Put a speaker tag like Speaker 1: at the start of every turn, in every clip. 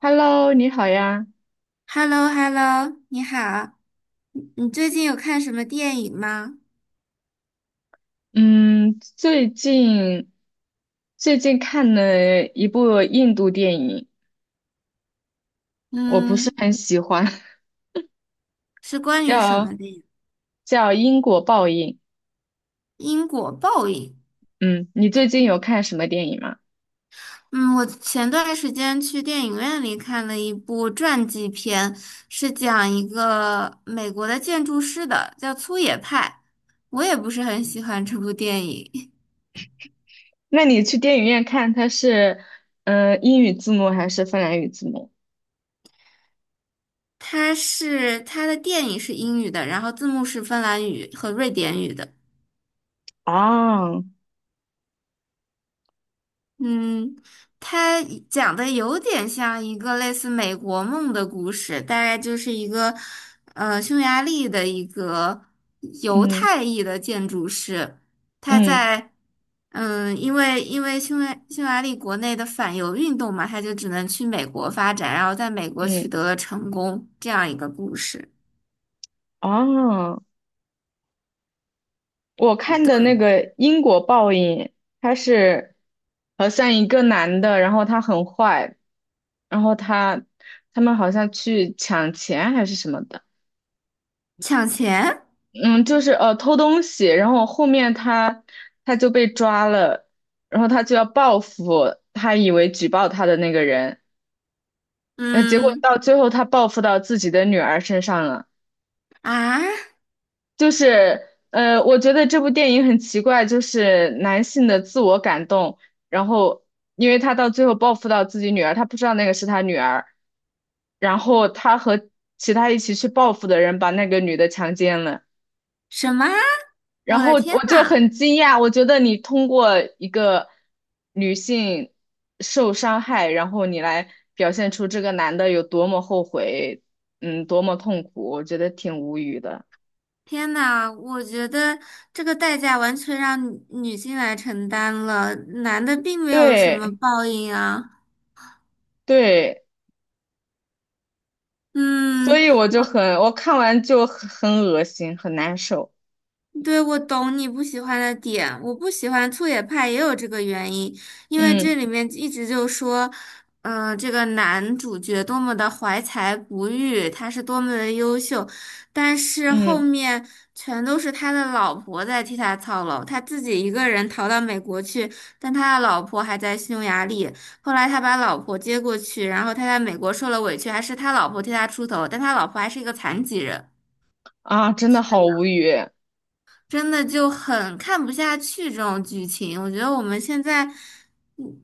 Speaker 1: Hello，你好呀。
Speaker 2: h e l l o h e l l o 你好，你最近有看什么电影吗？
Speaker 1: 嗯，最近最近看了一部印度电影，我不是
Speaker 2: 嗯，
Speaker 1: 很喜欢，
Speaker 2: 是关于什
Speaker 1: 叫
Speaker 2: 么的呀？
Speaker 1: 叫《因果报应》。
Speaker 2: 因果报应。
Speaker 1: 嗯，你最近有看什么电影吗？
Speaker 2: 嗯，我前段时间去电影院里看了一部传记片，是讲一个美国的建筑师的，叫粗野派。我也不是很喜欢这部电影，
Speaker 1: 那你去电影院看，它是英语字幕还是芬兰语字幕？
Speaker 2: 它的电影是英语的，然后字幕是芬兰语和瑞典语的。
Speaker 1: 啊，
Speaker 2: 嗯，他讲的有点像一个类似美国梦的故事，大概就是一个，匈牙利的一个犹
Speaker 1: 嗯
Speaker 2: 太裔的建筑师，他
Speaker 1: 嗯
Speaker 2: 在，因为匈牙利国内的反犹运动嘛，他就只能去美国发展，然后在美国
Speaker 1: 嗯，
Speaker 2: 取得了成功，这样一个故事。
Speaker 1: 哦，我看的那
Speaker 2: 对，
Speaker 1: 个因果报应，他是好像一个男的，然后他很坏，然后他他们好像去抢钱还是什么的，
Speaker 2: 抢钱？
Speaker 1: 嗯，就是偷东西，然后后面他他就被抓了，然后他就要报复他以为举报他的那个人，结果
Speaker 2: 嗯
Speaker 1: 到最后他报复到自己的女儿身上了。
Speaker 2: 啊，
Speaker 1: 就是我觉得这部电影很奇怪，就是男性的自我感动，然后因为他到最后报复到自己女儿，他不知道那个是他女儿，然后他和其他一起去报复的人把那个女的强奸了，
Speaker 2: 什么？
Speaker 1: 然
Speaker 2: 我
Speaker 1: 后
Speaker 2: 的天
Speaker 1: 我就
Speaker 2: 呐！
Speaker 1: 很惊讶，我觉得你通过一个女性受伤害，然后你来表现出这个男的有多么后悔，嗯，多么痛苦，我觉得挺无语的，
Speaker 2: 天呐，我觉得这个代价完全让女性来承担了，男的并没有什么
Speaker 1: 对
Speaker 2: 报应啊。
Speaker 1: 对。所
Speaker 2: 嗯，
Speaker 1: 以我就很，我看完就很恶心，很难受。
Speaker 2: 对，我懂你不喜欢的点。我不喜欢粗野派也有这个原因，因为这
Speaker 1: 嗯
Speaker 2: 里面一直就说，这个男主角多么的怀才不遇，他是多么的优秀，但是后
Speaker 1: 嗯。
Speaker 2: 面全都是他的老婆在替他操劳，他自己一个人逃到美国去，但他的老婆还在匈牙利。后来他把老婆接过去，然后他在美国受了委屈，还是他老婆替他出头，但他老婆还是一个残疾人。
Speaker 1: 啊，真的好无语。
Speaker 2: 真的就很看不下去这种剧情。我觉得我们现在，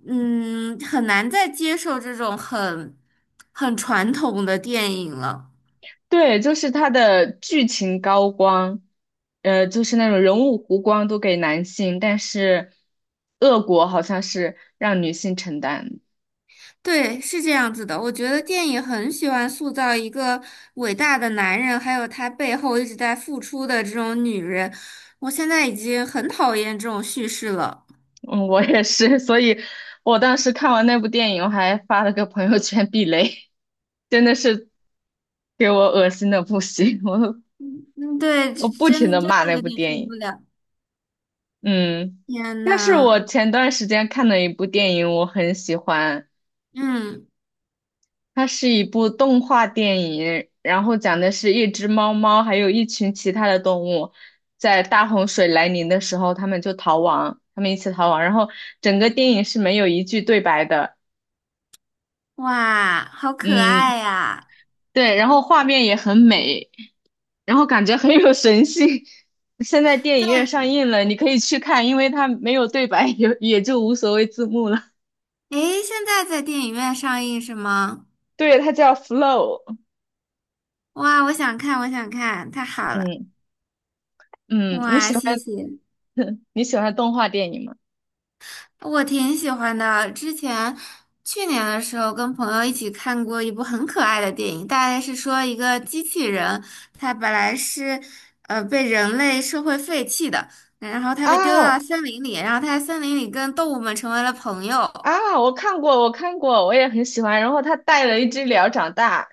Speaker 2: 嗯，很难再接受这种很传统的电影了。
Speaker 1: 对，就是他的剧情高光，就是那种人物弧光都给男性，但是恶果好像是让女性承担。
Speaker 2: 对，是这样子的。我觉得电影很喜欢塑造一个伟大的男人，还有他背后一直在付出的这种女人。我现在已经很讨厌这种叙事了。
Speaker 1: 嗯，我也是，所以我当时看完那部电影，我还发了个朋友圈避雷，真的是给我恶心的不行，我
Speaker 2: 嗯，对，
Speaker 1: 我不停
Speaker 2: 真
Speaker 1: 的
Speaker 2: 真
Speaker 1: 骂
Speaker 2: 的
Speaker 1: 那
Speaker 2: 有
Speaker 1: 部
Speaker 2: 点受
Speaker 1: 电
Speaker 2: 不
Speaker 1: 影。
Speaker 2: 了。
Speaker 1: 嗯，
Speaker 2: 天
Speaker 1: 但是
Speaker 2: 呐，
Speaker 1: 我前段时间看的一部电影，我很喜欢，
Speaker 2: 嗯，
Speaker 1: 它是一部动画电影，然后讲的是一只猫猫还有一群其他的动物，在大洪水来临的时候，他们就逃亡，他们一起逃亡，然后整个电影是没有一句对白的，
Speaker 2: 哇，好可
Speaker 1: 嗯，
Speaker 2: 爱呀！
Speaker 1: 对，然后画面也很美，然后感觉很有神性。现在电影院
Speaker 2: 对，
Speaker 1: 上映了，你可以去看，因为它没有对白，也就无所谓字幕了。
Speaker 2: 诶，现在在电影院上映是吗？
Speaker 1: 对，它叫《Flow》。
Speaker 2: 哇，我想看，我想看，太好了！
Speaker 1: 嗯嗯，你
Speaker 2: 哇，
Speaker 1: 喜欢
Speaker 2: 谢谢，
Speaker 1: 你喜欢动画电影吗？
Speaker 2: 我挺喜欢的。之前去年的时候跟朋友一起看过一部很可爱的电影，大概是说一个机器人，它本来是被人类社会废弃的，然后它被丢到
Speaker 1: 啊
Speaker 2: 了森林里，然后它在森林里跟动物们成为了朋友。
Speaker 1: 啊，我看过，我看过，我也很喜欢。然后他带了一只鸟长大，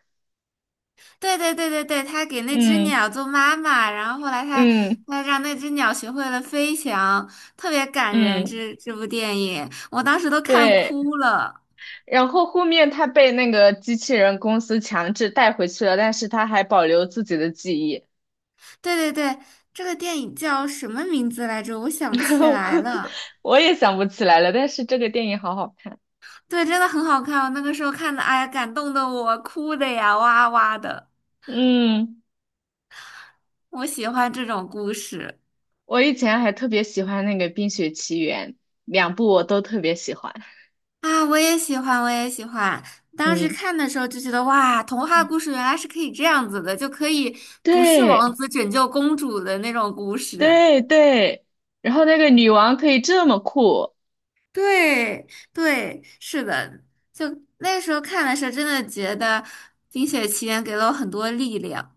Speaker 2: 对对对对对，他给那只
Speaker 1: 嗯
Speaker 2: 鸟做妈妈，然后后来他
Speaker 1: 嗯。
Speaker 2: 他让那只鸟学会了飞翔，特别感人。
Speaker 1: 嗯，
Speaker 2: 这部电影我当时都看
Speaker 1: 对。
Speaker 2: 哭了。
Speaker 1: 然后后面他被那个机器人公司强制带回去了，但是他还保留自己的记忆。
Speaker 2: 对对对，这个电影叫什么名字来着？我想不起来 了。
Speaker 1: 我也想不起来了，但是这个电影好好看。
Speaker 2: 对，真的很好看，我那个时候看的，哎呀，感动的我哭的呀，哇哇的。
Speaker 1: 嗯，
Speaker 2: 我喜欢这种故事。
Speaker 1: 我以前还特别喜欢那个《冰雪奇缘》，两部我都特别喜欢。
Speaker 2: 啊，我也喜欢，我也喜欢。当时
Speaker 1: 嗯，
Speaker 2: 看的时候就觉得，哇，童话故
Speaker 1: 嗯
Speaker 2: 事原来是可以这样子的，就可以不是
Speaker 1: 对。
Speaker 2: 王子拯救公主的那种故事。
Speaker 1: 对对，然后那个女王可以这么酷，
Speaker 2: 对，对，是的，就那时候看的时候，真的觉得《冰雪奇缘》给了我很多力量。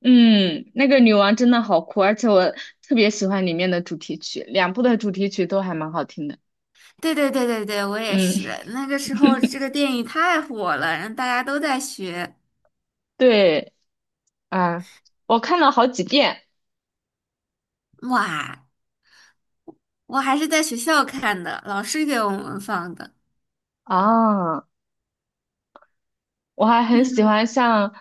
Speaker 1: 嗯，那个女王真的好酷，而且我特别喜欢里面的主题曲，两部的主题曲都还蛮好听的，
Speaker 2: 对对对对对，我也
Speaker 1: 嗯，
Speaker 2: 是。那个时候这个电影太火了，然后大家都在学。
Speaker 1: 对，啊，我看了好几遍。
Speaker 2: 哇，我还是在学校看的，老师给我们放的。
Speaker 1: 啊，我还很喜
Speaker 2: 嗯。
Speaker 1: 欢像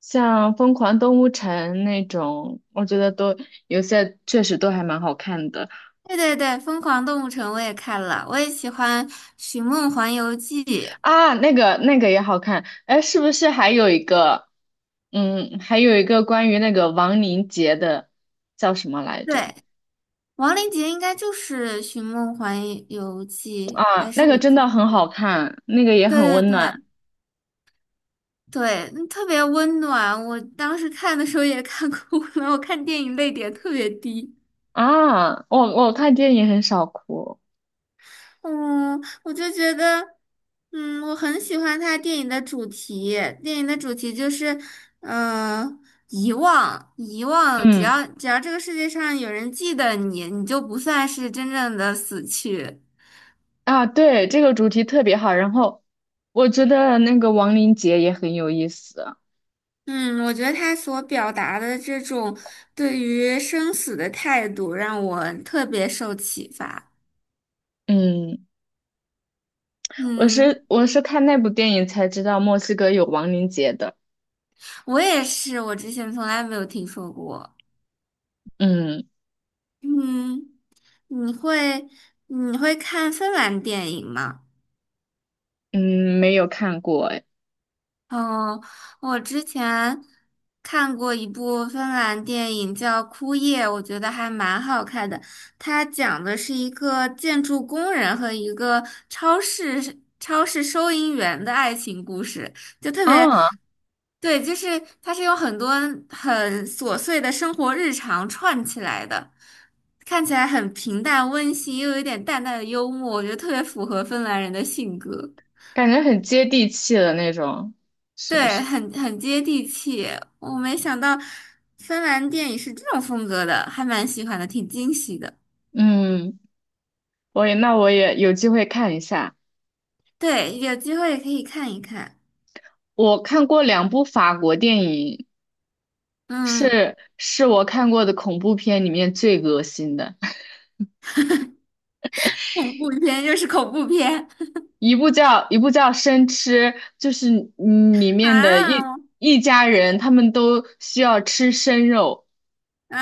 Speaker 1: 像《疯狂动物城》那种，我觉得都有些确实都还蛮好看的，
Speaker 2: 对对对，《疯狂动物城》我也看了，我也喜欢《寻梦环游记》。
Speaker 1: 啊，那个那个也好看，哎，是不是还有一个，嗯，还有一个关于那个亡灵节的，叫什么来着？
Speaker 2: 对，王林杰应该就是《寻梦环游记》，
Speaker 1: 啊，
Speaker 2: 还是
Speaker 1: 那个
Speaker 2: 我
Speaker 1: 真
Speaker 2: 记
Speaker 1: 的
Speaker 2: 错
Speaker 1: 很好
Speaker 2: 了？
Speaker 1: 看，那个也
Speaker 2: 对
Speaker 1: 很
Speaker 2: 对
Speaker 1: 温暖。
Speaker 2: 对对，嗯特别温暖。我当时看的时候也看哭了，我看电影泪点特别低。
Speaker 1: 啊，我看电影很少哭，
Speaker 2: 嗯，我就觉得，我很喜欢他电影的主题。电影的主题就是，呃，遗忘，遗忘。只
Speaker 1: 嗯
Speaker 2: 要只要这个世界上有人记得你，你就不算是真正的死去。
Speaker 1: 啊，对，这个主题特别好。然后我觉得那个亡灵节也很有意思，
Speaker 2: 嗯，我觉得他所表达的这种对于生死的态度，让我特别受启发。
Speaker 1: 嗯，我
Speaker 2: 嗯，
Speaker 1: 是我是看那部电影才知道墨西哥有亡灵节的，
Speaker 2: 我也是，我之前从来没有听说过。
Speaker 1: 嗯
Speaker 2: 嗯，你会你会看芬兰电影吗？
Speaker 1: 嗯，没有看过哎。
Speaker 2: 哦，我之前看过一部芬兰电影叫《枯叶》，我觉得还蛮好看的。它讲的是一个建筑工人和一个超市收银员的爱情故事，就特别，
Speaker 1: 啊，
Speaker 2: 对，就是它是有很多很琐碎的生活日常串起来的，看起来很平淡温馨，又有一点淡淡的幽默，我觉得特别符合芬兰人的性格。
Speaker 1: 感觉很接地气的那种，是不
Speaker 2: 对，
Speaker 1: 是？
Speaker 2: 很接地气。我没想到芬兰电影是这种风格的，还蛮喜欢的，挺惊喜的。
Speaker 1: 嗯，我也，那我也有机会看一下。
Speaker 2: 对，有机会可以看一看。
Speaker 1: 我看过两部法国电影，
Speaker 2: 嗯，
Speaker 1: 是我看过的恐怖片里面最恶心的，
Speaker 2: 恐怖片又是恐怖片
Speaker 1: 一部叫《生吃》，就是里面的一
Speaker 2: 啊
Speaker 1: 一家人，他们都需要吃生肉。
Speaker 2: 啊！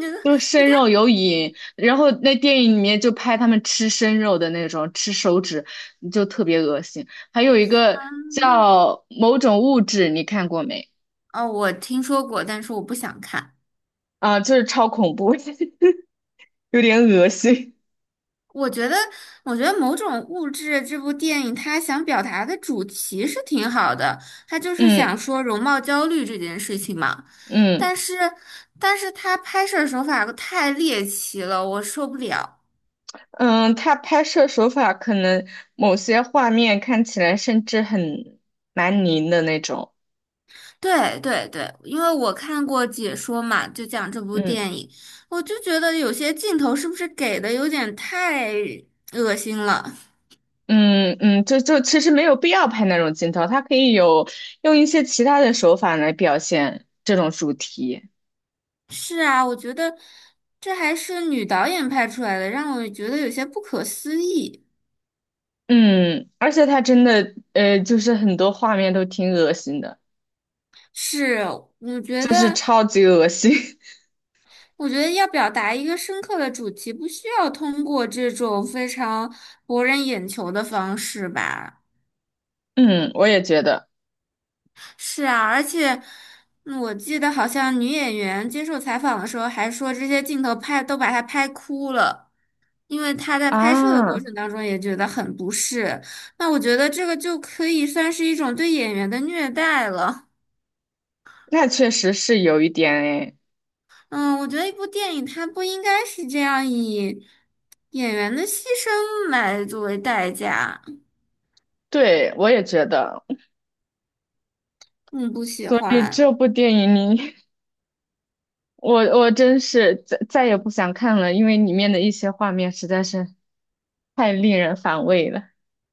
Speaker 2: 你这
Speaker 1: 就是
Speaker 2: 有
Speaker 1: 生
Speaker 2: 点……
Speaker 1: 肉有瘾，然后那电影里面就拍他们吃生肉的那种，吃手指就特别恶心。还有一个
Speaker 2: 嗯
Speaker 1: 叫某种物质，你看过没？
Speaker 2: 哦，我听说过，但是我不想看。
Speaker 1: 啊，就是超恐怖，有点恶心。
Speaker 2: 我觉得，某种物质这部电影，它想表达的主题是挺好的，它就是想
Speaker 1: 嗯
Speaker 2: 说容貌焦虑这件事情嘛。
Speaker 1: 嗯
Speaker 2: 但是，它拍摄手法太猎奇了，我受不了。
Speaker 1: 嗯，他拍摄手法可能某些画面看起来甚至很蛮凝的那种。
Speaker 2: 对对对，因为我看过解说嘛，就讲这部
Speaker 1: 嗯
Speaker 2: 电影，我就觉得有些镜头是不是给的有点太恶心了。
Speaker 1: 嗯，就其实没有必要拍那种镜头，他可以有用一些其他的手法来表现这种主题。
Speaker 2: 是啊，我觉得这还是女导演拍出来的，让我觉得有些不可思议。
Speaker 1: 嗯，而且他真的，就是很多画面都挺恶心的，
Speaker 2: 是，我觉
Speaker 1: 就是
Speaker 2: 得，
Speaker 1: 超级恶心。
Speaker 2: 要表达一个深刻的主题，不需要通过这种非常博人眼球的方式吧。
Speaker 1: 嗯，我也觉得。
Speaker 2: 是啊，而且我记得好像女演员接受采访的时候还说，这些镜头拍都把她拍哭了，因为她在拍摄的过
Speaker 1: 啊，
Speaker 2: 程当中也觉得很不适。那我觉得这个就可以算是一种对演员的虐待了。
Speaker 1: 那确实是有一点诶。
Speaker 2: 嗯，我觉得一部电影它不应该是这样以演员的牺牲来作为代价。
Speaker 1: 对，我也觉得，
Speaker 2: 嗯，不喜
Speaker 1: 所以
Speaker 2: 欢。
Speaker 1: 这部电影你，我真是再也不想看了，因为里面的一些画面实在是太令人反胃了。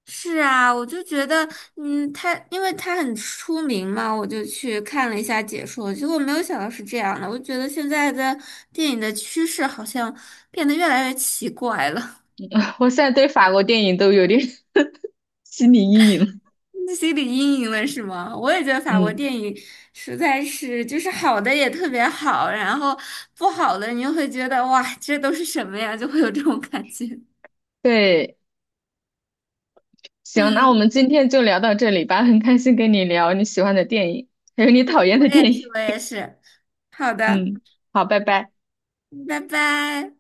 Speaker 2: 是啊，我就觉得，嗯，他因为他很出名嘛，我就去看了一下解说，结果没有想到是这样的。我觉得现在的电影的趋势好像变得越来越奇怪了。
Speaker 1: 我现在对法国电影都有点 心理阴影了。
Speaker 2: 心理阴影了是吗？我也觉得法国
Speaker 1: 嗯，
Speaker 2: 电影实在是，就是好的也特别好，然后不好的你就会觉得哇，这都是什么呀？就会有这种感觉。
Speaker 1: 对。行，那我
Speaker 2: 嗯，
Speaker 1: 们今天就聊到这里吧，很开心跟你聊你喜欢的电影，还有你讨厌
Speaker 2: 我
Speaker 1: 的
Speaker 2: 也
Speaker 1: 电
Speaker 2: 是，
Speaker 1: 影。
Speaker 2: 我也是。好的，
Speaker 1: 嗯，好，拜拜。
Speaker 2: 拜拜。